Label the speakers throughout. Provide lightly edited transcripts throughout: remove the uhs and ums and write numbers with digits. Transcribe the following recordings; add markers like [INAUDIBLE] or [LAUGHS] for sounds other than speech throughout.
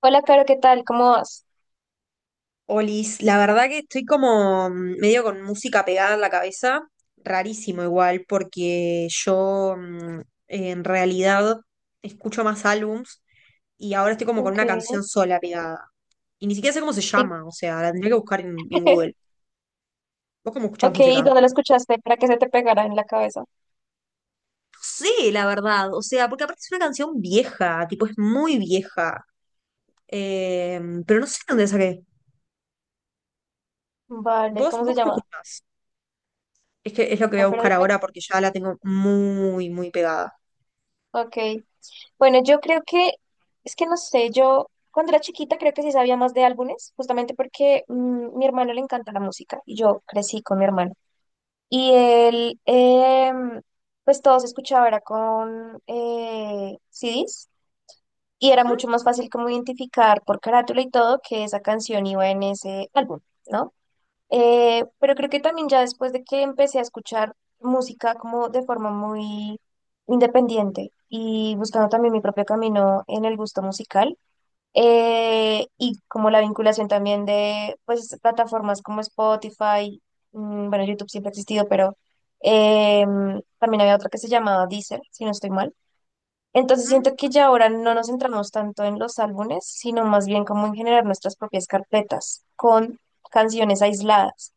Speaker 1: Hola, Caro, ¿qué tal? ¿Cómo vas?
Speaker 2: Olis, la verdad que estoy como medio con música pegada en la cabeza, rarísimo igual, porque yo en realidad escucho más álbums y ahora estoy como con
Speaker 1: Ok.
Speaker 2: una canción sola pegada. Y ni siquiera sé cómo se
Speaker 1: ¿Y,
Speaker 2: llama, o sea, la tendría que buscar en Google.
Speaker 1: [LAUGHS]
Speaker 2: ¿Vos cómo escuchás
Speaker 1: ok,
Speaker 2: música?
Speaker 1: ¿y dónde lo escuchaste para que se te pegara en la cabeza?
Speaker 2: No sé, la verdad, o sea, porque aparte es una canción vieja, tipo es muy vieja. Eh, pero no sé dónde la saqué.
Speaker 1: Vale,
Speaker 2: ¿Vos,
Speaker 1: ¿cómo se
Speaker 2: vos cómo
Speaker 1: llama?
Speaker 2: escuchás? Es que es lo que voy a
Speaker 1: No, pero
Speaker 2: buscar
Speaker 1: dime.
Speaker 2: ahora porque ya la tengo muy, muy pegada.
Speaker 1: Ok. Bueno, yo creo que, es que no sé, yo cuando era chiquita creo que sí sabía más de álbumes, justamente porque mi hermano le encanta la música y yo crecí con mi hermano. Y él, pues todo se escuchaba, era con CDs y era
Speaker 2: Ujú.
Speaker 1: mucho más fácil como identificar por carátula y todo que esa canción iba en ese álbum. ¿No? Pero creo que también ya después de que empecé a escuchar música como de forma muy independiente y buscando también mi propio camino en el gusto musical y como la vinculación también de pues plataformas como Spotify, bueno, YouTube siempre ha existido, pero también había otra que se llamaba Deezer, si no estoy mal, entonces
Speaker 2: Ujú.
Speaker 1: siento que ya ahora no nos centramos tanto en los álbumes, sino más bien como en generar nuestras propias carpetas con canciones aisladas.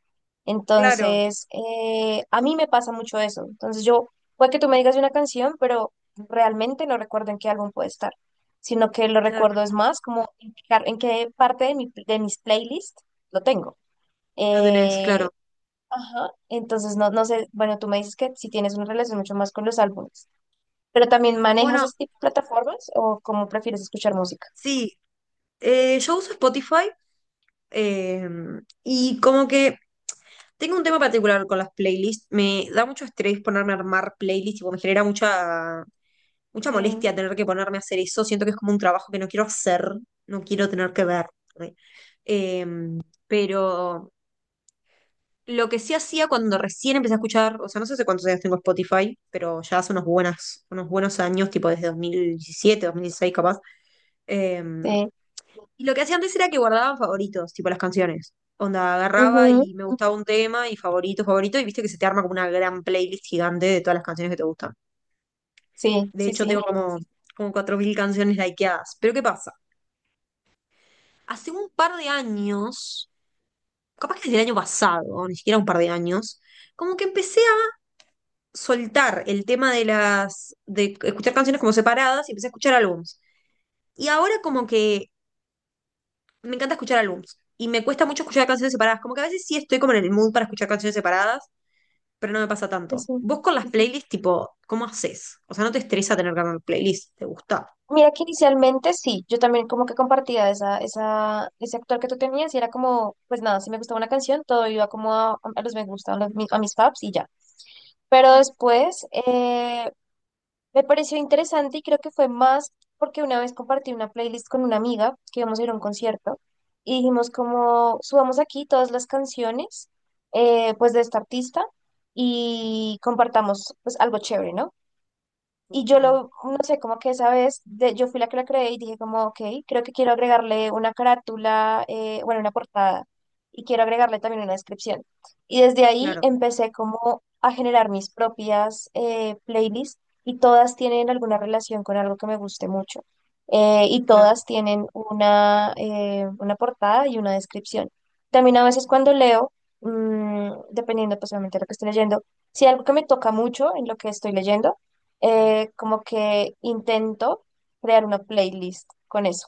Speaker 2: Claro,
Speaker 1: Entonces, a mí me pasa mucho eso. Entonces yo, puede que tú me digas de una canción, pero realmente no recuerdo en qué álbum puede estar, sino que lo
Speaker 2: ya
Speaker 1: recuerdo es más como en qué, en qué parte de de mis playlists lo tengo.
Speaker 2: lo tenés,
Speaker 1: Eh,
Speaker 2: claro.
Speaker 1: ajá, entonces no, no sé, bueno, tú me dices que si tienes una relación mucho más con los álbumes. ¿Pero también manejas
Speaker 2: Bueno,
Speaker 1: este tipo de plataformas o cómo prefieres escuchar música?
Speaker 2: sí, yo uso Spotify, eh, y como que tengo un tema particular con las playlists. Me da mucho estrés ponerme a armar playlists, tipo, me genera mucha, mucha
Speaker 1: Sí.
Speaker 2: molestia tener que ponerme a hacer eso. Siento que es como un trabajo que no quiero hacer, no quiero tener que ver. ¿Eh? Em, pero lo que sí hacía cuando recién empecé a escuchar, o sea, no sé hace cuántos años tengo Spotify, pero ya hace unos buenos años, tipo desde 2017, 2016 capaz. eh,
Speaker 1: Sí,
Speaker 2: y lo que hacía antes era que guardaba favoritos, tipo las canciones. Onda, agarraba
Speaker 1: ujú.
Speaker 2: y me gustaba un tema y favorito, favorito, y viste que se te arma como una gran playlist gigante de todas las canciones que te gustan.
Speaker 1: Sí,
Speaker 2: De
Speaker 1: sí,
Speaker 2: hecho,
Speaker 1: sí,
Speaker 2: tengo como 4000 canciones likeadas. Pero ¿qué pasa? Hace un par de años, capaz que desde el año pasado, ni siquiera un par de años, como que empecé soltar el tema de de escuchar canciones como separadas y empecé a escuchar álbums. Y ahora como que me encanta escuchar álbums y me cuesta mucho escuchar canciones separadas. Como que a veces sí estoy como en el mood para escuchar canciones separadas, pero no me pasa
Speaker 1: sí,
Speaker 2: tanto.
Speaker 1: sí.
Speaker 2: Vos con las playlists, tipo, ¿cómo haces? O sea, ¿no te estresa tener que armar playlist? ¿Te gusta?
Speaker 1: Mira que inicialmente sí, yo también como que compartía ese actor que tú tenías y era como, pues nada, si me gustaba una canción, todo iba como a los me gustan, a mis faps y ya. Pero
Speaker 2: ¿Mm?
Speaker 1: después, me pareció interesante y creo que fue más porque una vez compartí una playlist con una amiga que íbamos a ir a un concierto y dijimos como subamos aquí todas las canciones pues de esta artista y compartamos pues algo chévere, ¿no? Y yo
Speaker 2: Como-
Speaker 1: lo, no sé, como que esa vez yo fui la que la creé y dije como, ok, creo que quiero agregarle una carátula, bueno, una portada y quiero agregarle también una descripción. Y desde ahí
Speaker 2: Claro,
Speaker 1: empecé como a generar mis propias playlists y todas tienen alguna relación con algo que me guste mucho. Y
Speaker 2: claro.
Speaker 1: todas tienen una portada y una descripción. También a veces cuando leo, dependiendo pues obviamente de lo que estoy leyendo, si algo que me toca mucho en lo que estoy leyendo, como que intento crear una playlist con eso.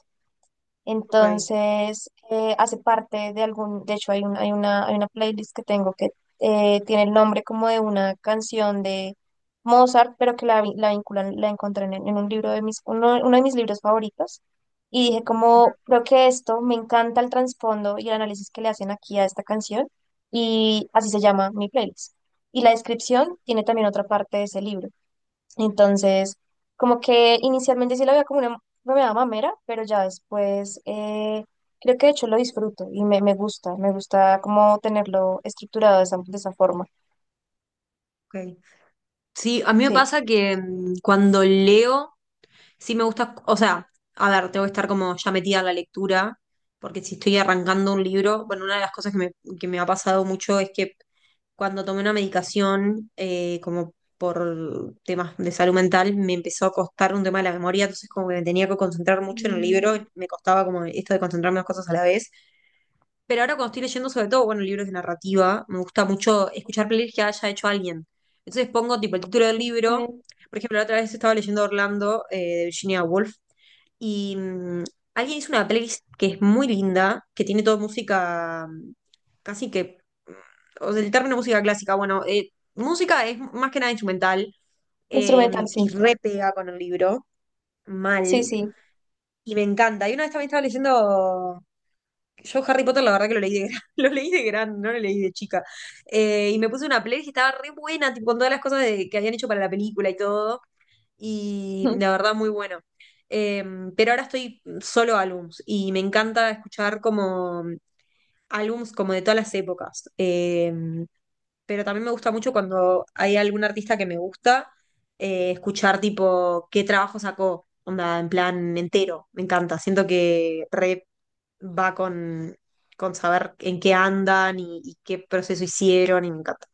Speaker 2: Ok.
Speaker 1: Entonces, hace parte de algún, de hecho hay hay una playlist que tengo que tiene el nombre como de una canción de Mozart, pero que la, la vinculan, la encontré en un libro de mis, uno de mis libros favoritos. Y dije
Speaker 2: Ujú,
Speaker 1: como, creo que esto, me encanta el trasfondo y el análisis que le hacen aquí a esta canción. Y así se llama mi playlist. Y la descripción tiene también otra parte de ese libro. Entonces, como que inicialmente sí la veía como una meada mamera, pero ya después creo que de hecho lo disfruto y me, me gusta como tenerlo estructurado de esa forma.
Speaker 2: ok. Sí, a mí me
Speaker 1: Sí.
Speaker 2: pasa que cuando leo, sí me gusta, o sea, a ver, tengo que estar como ya metida en la lectura, porque si estoy arrancando un libro, bueno, una de las cosas que me ha pasado mucho es que cuando tomé una medicación, como por temas de salud mental, me empezó a costar un tema de la memoria, entonces como que me tenía que concentrar mucho en el libro,
Speaker 1: Mm,
Speaker 2: me costaba como esto de concentrarme en dos cosas a la vez. Pero ahora cuando estoy leyendo, sobre todo, bueno, libros de narrativa, me gusta mucho escuchar playlists que haya hecho alguien. Entonces pongo tipo el título del libro.
Speaker 1: eh,
Speaker 2: Por ejemplo, la otra vez estaba leyendo Orlando, de Virginia Woolf, y alguien hizo una playlist que es muy linda, que tiene toda música casi que, mm, o sea, el término música clásica, bueno, música es más que nada instrumental, eh,
Speaker 1: instrumental,
Speaker 2: y
Speaker 1: sí.
Speaker 2: re pega con el libro,
Speaker 1: Sí,
Speaker 2: mal,
Speaker 1: sí.
Speaker 2: y me encanta. Y una vez también estaba leyendo yo Harry Potter, la verdad que lo leí de gran, [LAUGHS] lo leí de gran, no lo leí de chica. Y me puse una playlist y estaba re buena, tipo, con todas las cosas que habían hecho para la película y todo. Y la
Speaker 1: [LAUGHS]
Speaker 2: verdad muy bueno. Eh, pero ahora estoy solo álbums y me encanta escuchar como álbums como de todas las épocas. Pero también me gusta mucho cuando hay algún artista que me gusta, escuchar tipo qué trabajo sacó, onda, en plan entero. Me encanta, siento que re va con saber en qué andan y qué proceso hicieron y me encanta.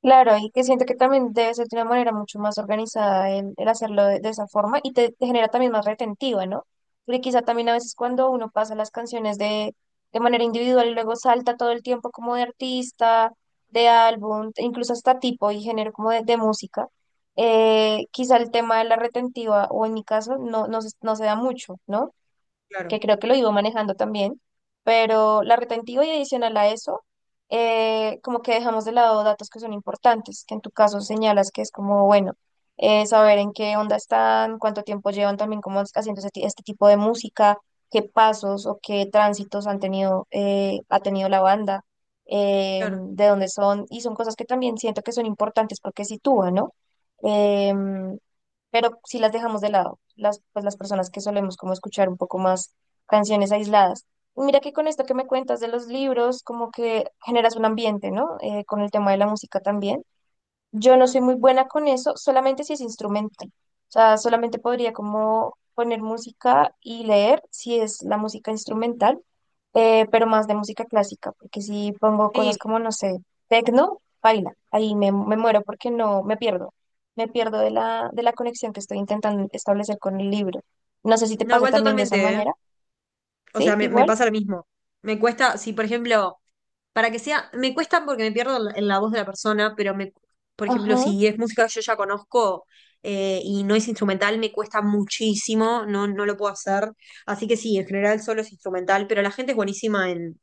Speaker 1: Claro, y que siento que también debe ser de una manera mucho más organizada el hacerlo de esa forma y te genera también más retentiva, ¿no? Porque quizá también a veces cuando uno pasa las canciones de manera individual y luego salta todo el tiempo como de artista, de álbum, incluso hasta tipo y género como de música, quizá el tema de la retentiva, o en mi caso, no, no se, no se da mucho, ¿no?
Speaker 2: Claro,
Speaker 1: Que creo que lo iba manejando también, pero la retentiva y adicional a eso, como que dejamos de lado datos que son importantes, que en tu caso señalas que es como, bueno, saber en qué onda están, cuánto tiempo llevan también como haciendo este, este tipo de música, qué pasos o qué tránsitos han tenido, ha tenido la banda,
Speaker 2: claro.
Speaker 1: de dónde son, y son cosas que también siento que son importantes porque sitúan, ¿no? Em, pero si las dejamos de lado, las, pues las personas que solemos como escuchar un poco más canciones aisladas. Y mira que con esto que me cuentas de los libros, como que generas un ambiente, ¿no? Con el tema de la música también. Yo no soy muy buena con eso, solamente si es instrumental. O sea, solamente podría como poner música y leer si es la música instrumental, pero más de música clásica, porque si pongo
Speaker 2: Sí,
Speaker 1: cosas como, no sé, tecno, baila, ahí me, me muero porque no, me pierdo de la conexión que estoy intentando establecer con el libro. No sé si te
Speaker 2: no,
Speaker 1: pase
Speaker 2: igual
Speaker 1: también de esa
Speaker 2: totalmente, ¿eh?
Speaker 1: manera,
Speaker 2: O sea,
Speaker 1: ¿sí?
Speaker 2: me
Speaker 1: Igual.
Speaker 2: pasa lo mismo. Me cuesta, si por ejemplo, para que sea, me cuesta porque me pierdo en la voz de la persona, pero me, por ejemplo,
Speaker 1: Ajá,
Speaker 2: si es música que yo ya conozco, y no es instrumental, me cuesta muchísimo, no, no lo puedo hacer. Así que sí, en general solo es instrumental, pero la gente es buenísima en,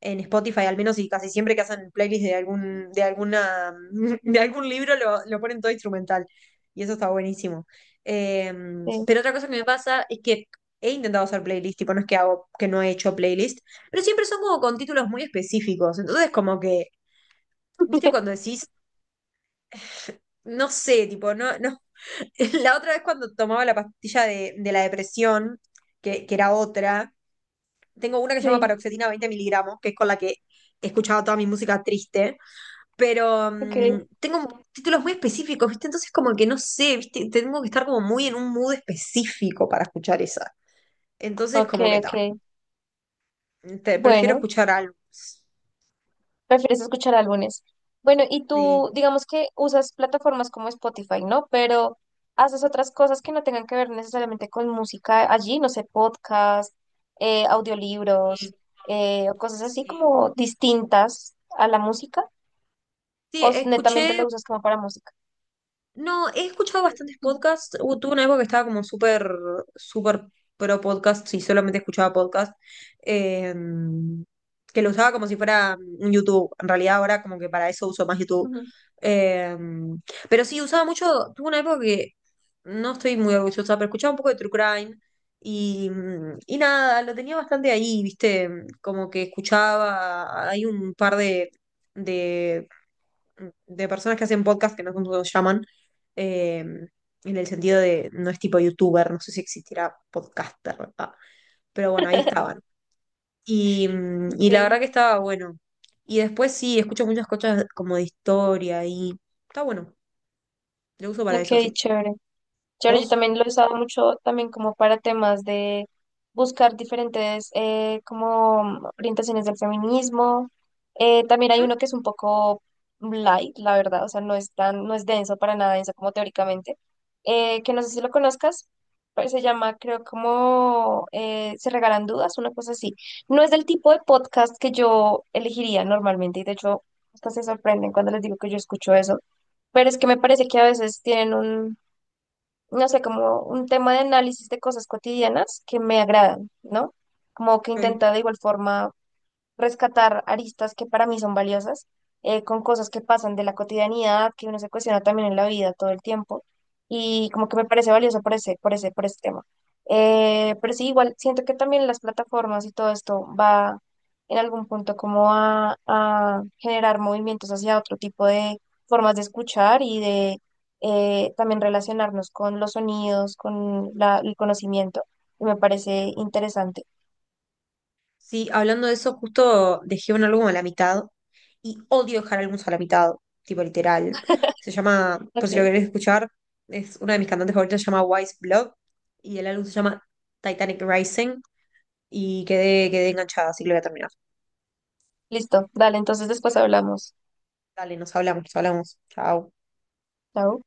Speaker 2: en Spotify, al menos y casi siempre que hacen playlists de algún, de alguna, [LAUGHS] de algún libro lo ponen todo instrumental. Y eso está buenísimo. Eh,
Speaker 1: sí,
Speaker 2: pero otra cosa que me pasa es que he intentado hacer playlist, tipo, no es que hago, que no he hecho playlist, pero siempre son como con títulos muy específicos. Entonces, como que, ¿viste cuando
Speaker 1: [LAUGHS]
Speaker 2: decís, no sé, tipo, no, no? [LAUGHS] La otra vez cuando tomaba la pastilla de la depresión, que era otra, tengo una que se llama
Speaker 1: sí,
Speaker 2: paroxetina 20 miligramos, que es con la que he escuchado toda mi música triste, pero
Speaker 1: ok,
Speaker 2: tengo títulos muy específicos, ¿viste? Entonces como que no sé, ¿viste? Tengo que estar como muy en un mood específico para escuchar esa. Entonces
Speaker 1: ok,
Speaker 2: como que
Speaker 1: ok.
Speaker 2: está. Prefiero
Speaker 1: Bueno.
Speaker 2: escuchar álbumes.
Speaker 1: Prefieres escuchar álbumes. Bueno, y
Speaker 2: Sí,
Speaker 1: tú, digamos que usas plataformas como Spotify, ¿no? Pero haces otras cosas que no tengan que ver necesariamente con música allí, no sé, podcast, audiolibros,
Speaker 2: sí,
Speaker 1: o cosas así
Speaker 2: sí.
Speaker 1: como distintas a la música,
Speaker 2: Sí, escuché
Speaker 1: netamente lo usas como para música.
Speaker 2: No, he escuchado bastantes
Speaker 1: Mm.
Speaker 2: podcasts. Tuve una época que estaba como súper, súper pro podcast y solamente escuchaba podcast. eh, que lo usaba como si fuera un YouTube. En realidad ahora como que para eso uso más YouTube.
Speaker 1: Ujú.
Speaker 2: Eh, pero sí, usaba mucho. Tuve una época que no estoy muy orgullosa, pero escuchaba un poco de True Crime. Y nada, lo tenía bastante ahí, ¿viste? Como que escuchaba. Hay un par de de personas que hacen podcast, que no sé cómo se llaman, eh, en el sentido de no es tipo youtuber, no sé si existirá podcaster, ¿verdad? Pero bueno, ahí estaban. Y, mm,
Speaker 1: Ok,
Speaker 2: y la verdad que estaba bueno. Y después sí, escucho muchas cosas como de historia y está bueno. Lo uso para
Speaker 1: ok,
Speaker 2: eso, sí.
Speaker 1: chévere. Chévere, yo
Speaker 2: ¿Vos?
Speaker 1: también lo he usado mucho también como para temas de buscar diferentes como orientaciones del feminismo. También hay
Speaker 2: Ujú,
Speaker 1: uno que es un poco light, la verdad, o sea, no es tan, no es denso para nada denso como teóricamente, que no sé si lo conozcas, pero se llama, creo, como Se regalan dudas, una cosa así. No es del tipo de podcast que yo elegiría normalmente y de hecho, hasta se sorprenden cuando les digo que yo escucho eso pero es que me parece que a veces tienen un, no sé, como un tema de análisis de cosas cotidianas que me agradan, ¿no? Como que intenta de igual forma rescatar aristas que para mí son valiosas, con cosas que pasan de la cotidianidad, que uno se cuestiona también en la vida todo el tiempo, y como que me parece valioso por ese, por ese, por ese tema. Pero sí, igual, siento que también las plataformas y todo esto va en algún punto como a generar movimientos hacia otro tipo de formas de escuchar y de también relacionarnos con los sonidos, con la, el conocimiento, y me parece
Speaker 2: ok.
Speaker 1: interesante.
Speaker 2: Sí, hablando de eso, justo dejé un álbum a la mitad y odio dejar álbumes a la mitad, tipo literal. Se llama, por
Speaker 1: Ok,
Speaker 2: si lo querés escuchar, es una de mis cantantes favoritas, se llama Wise Blood, y el álbum se llama Titanic Rising, y quedé enganchada, así que lo voy a terminar.
Speaker 1: listo, dale, entonces después hablamos.
Speaker 2: Dale, nos hablamos, nos hablamos. Chao.
Speaker 1: Chao.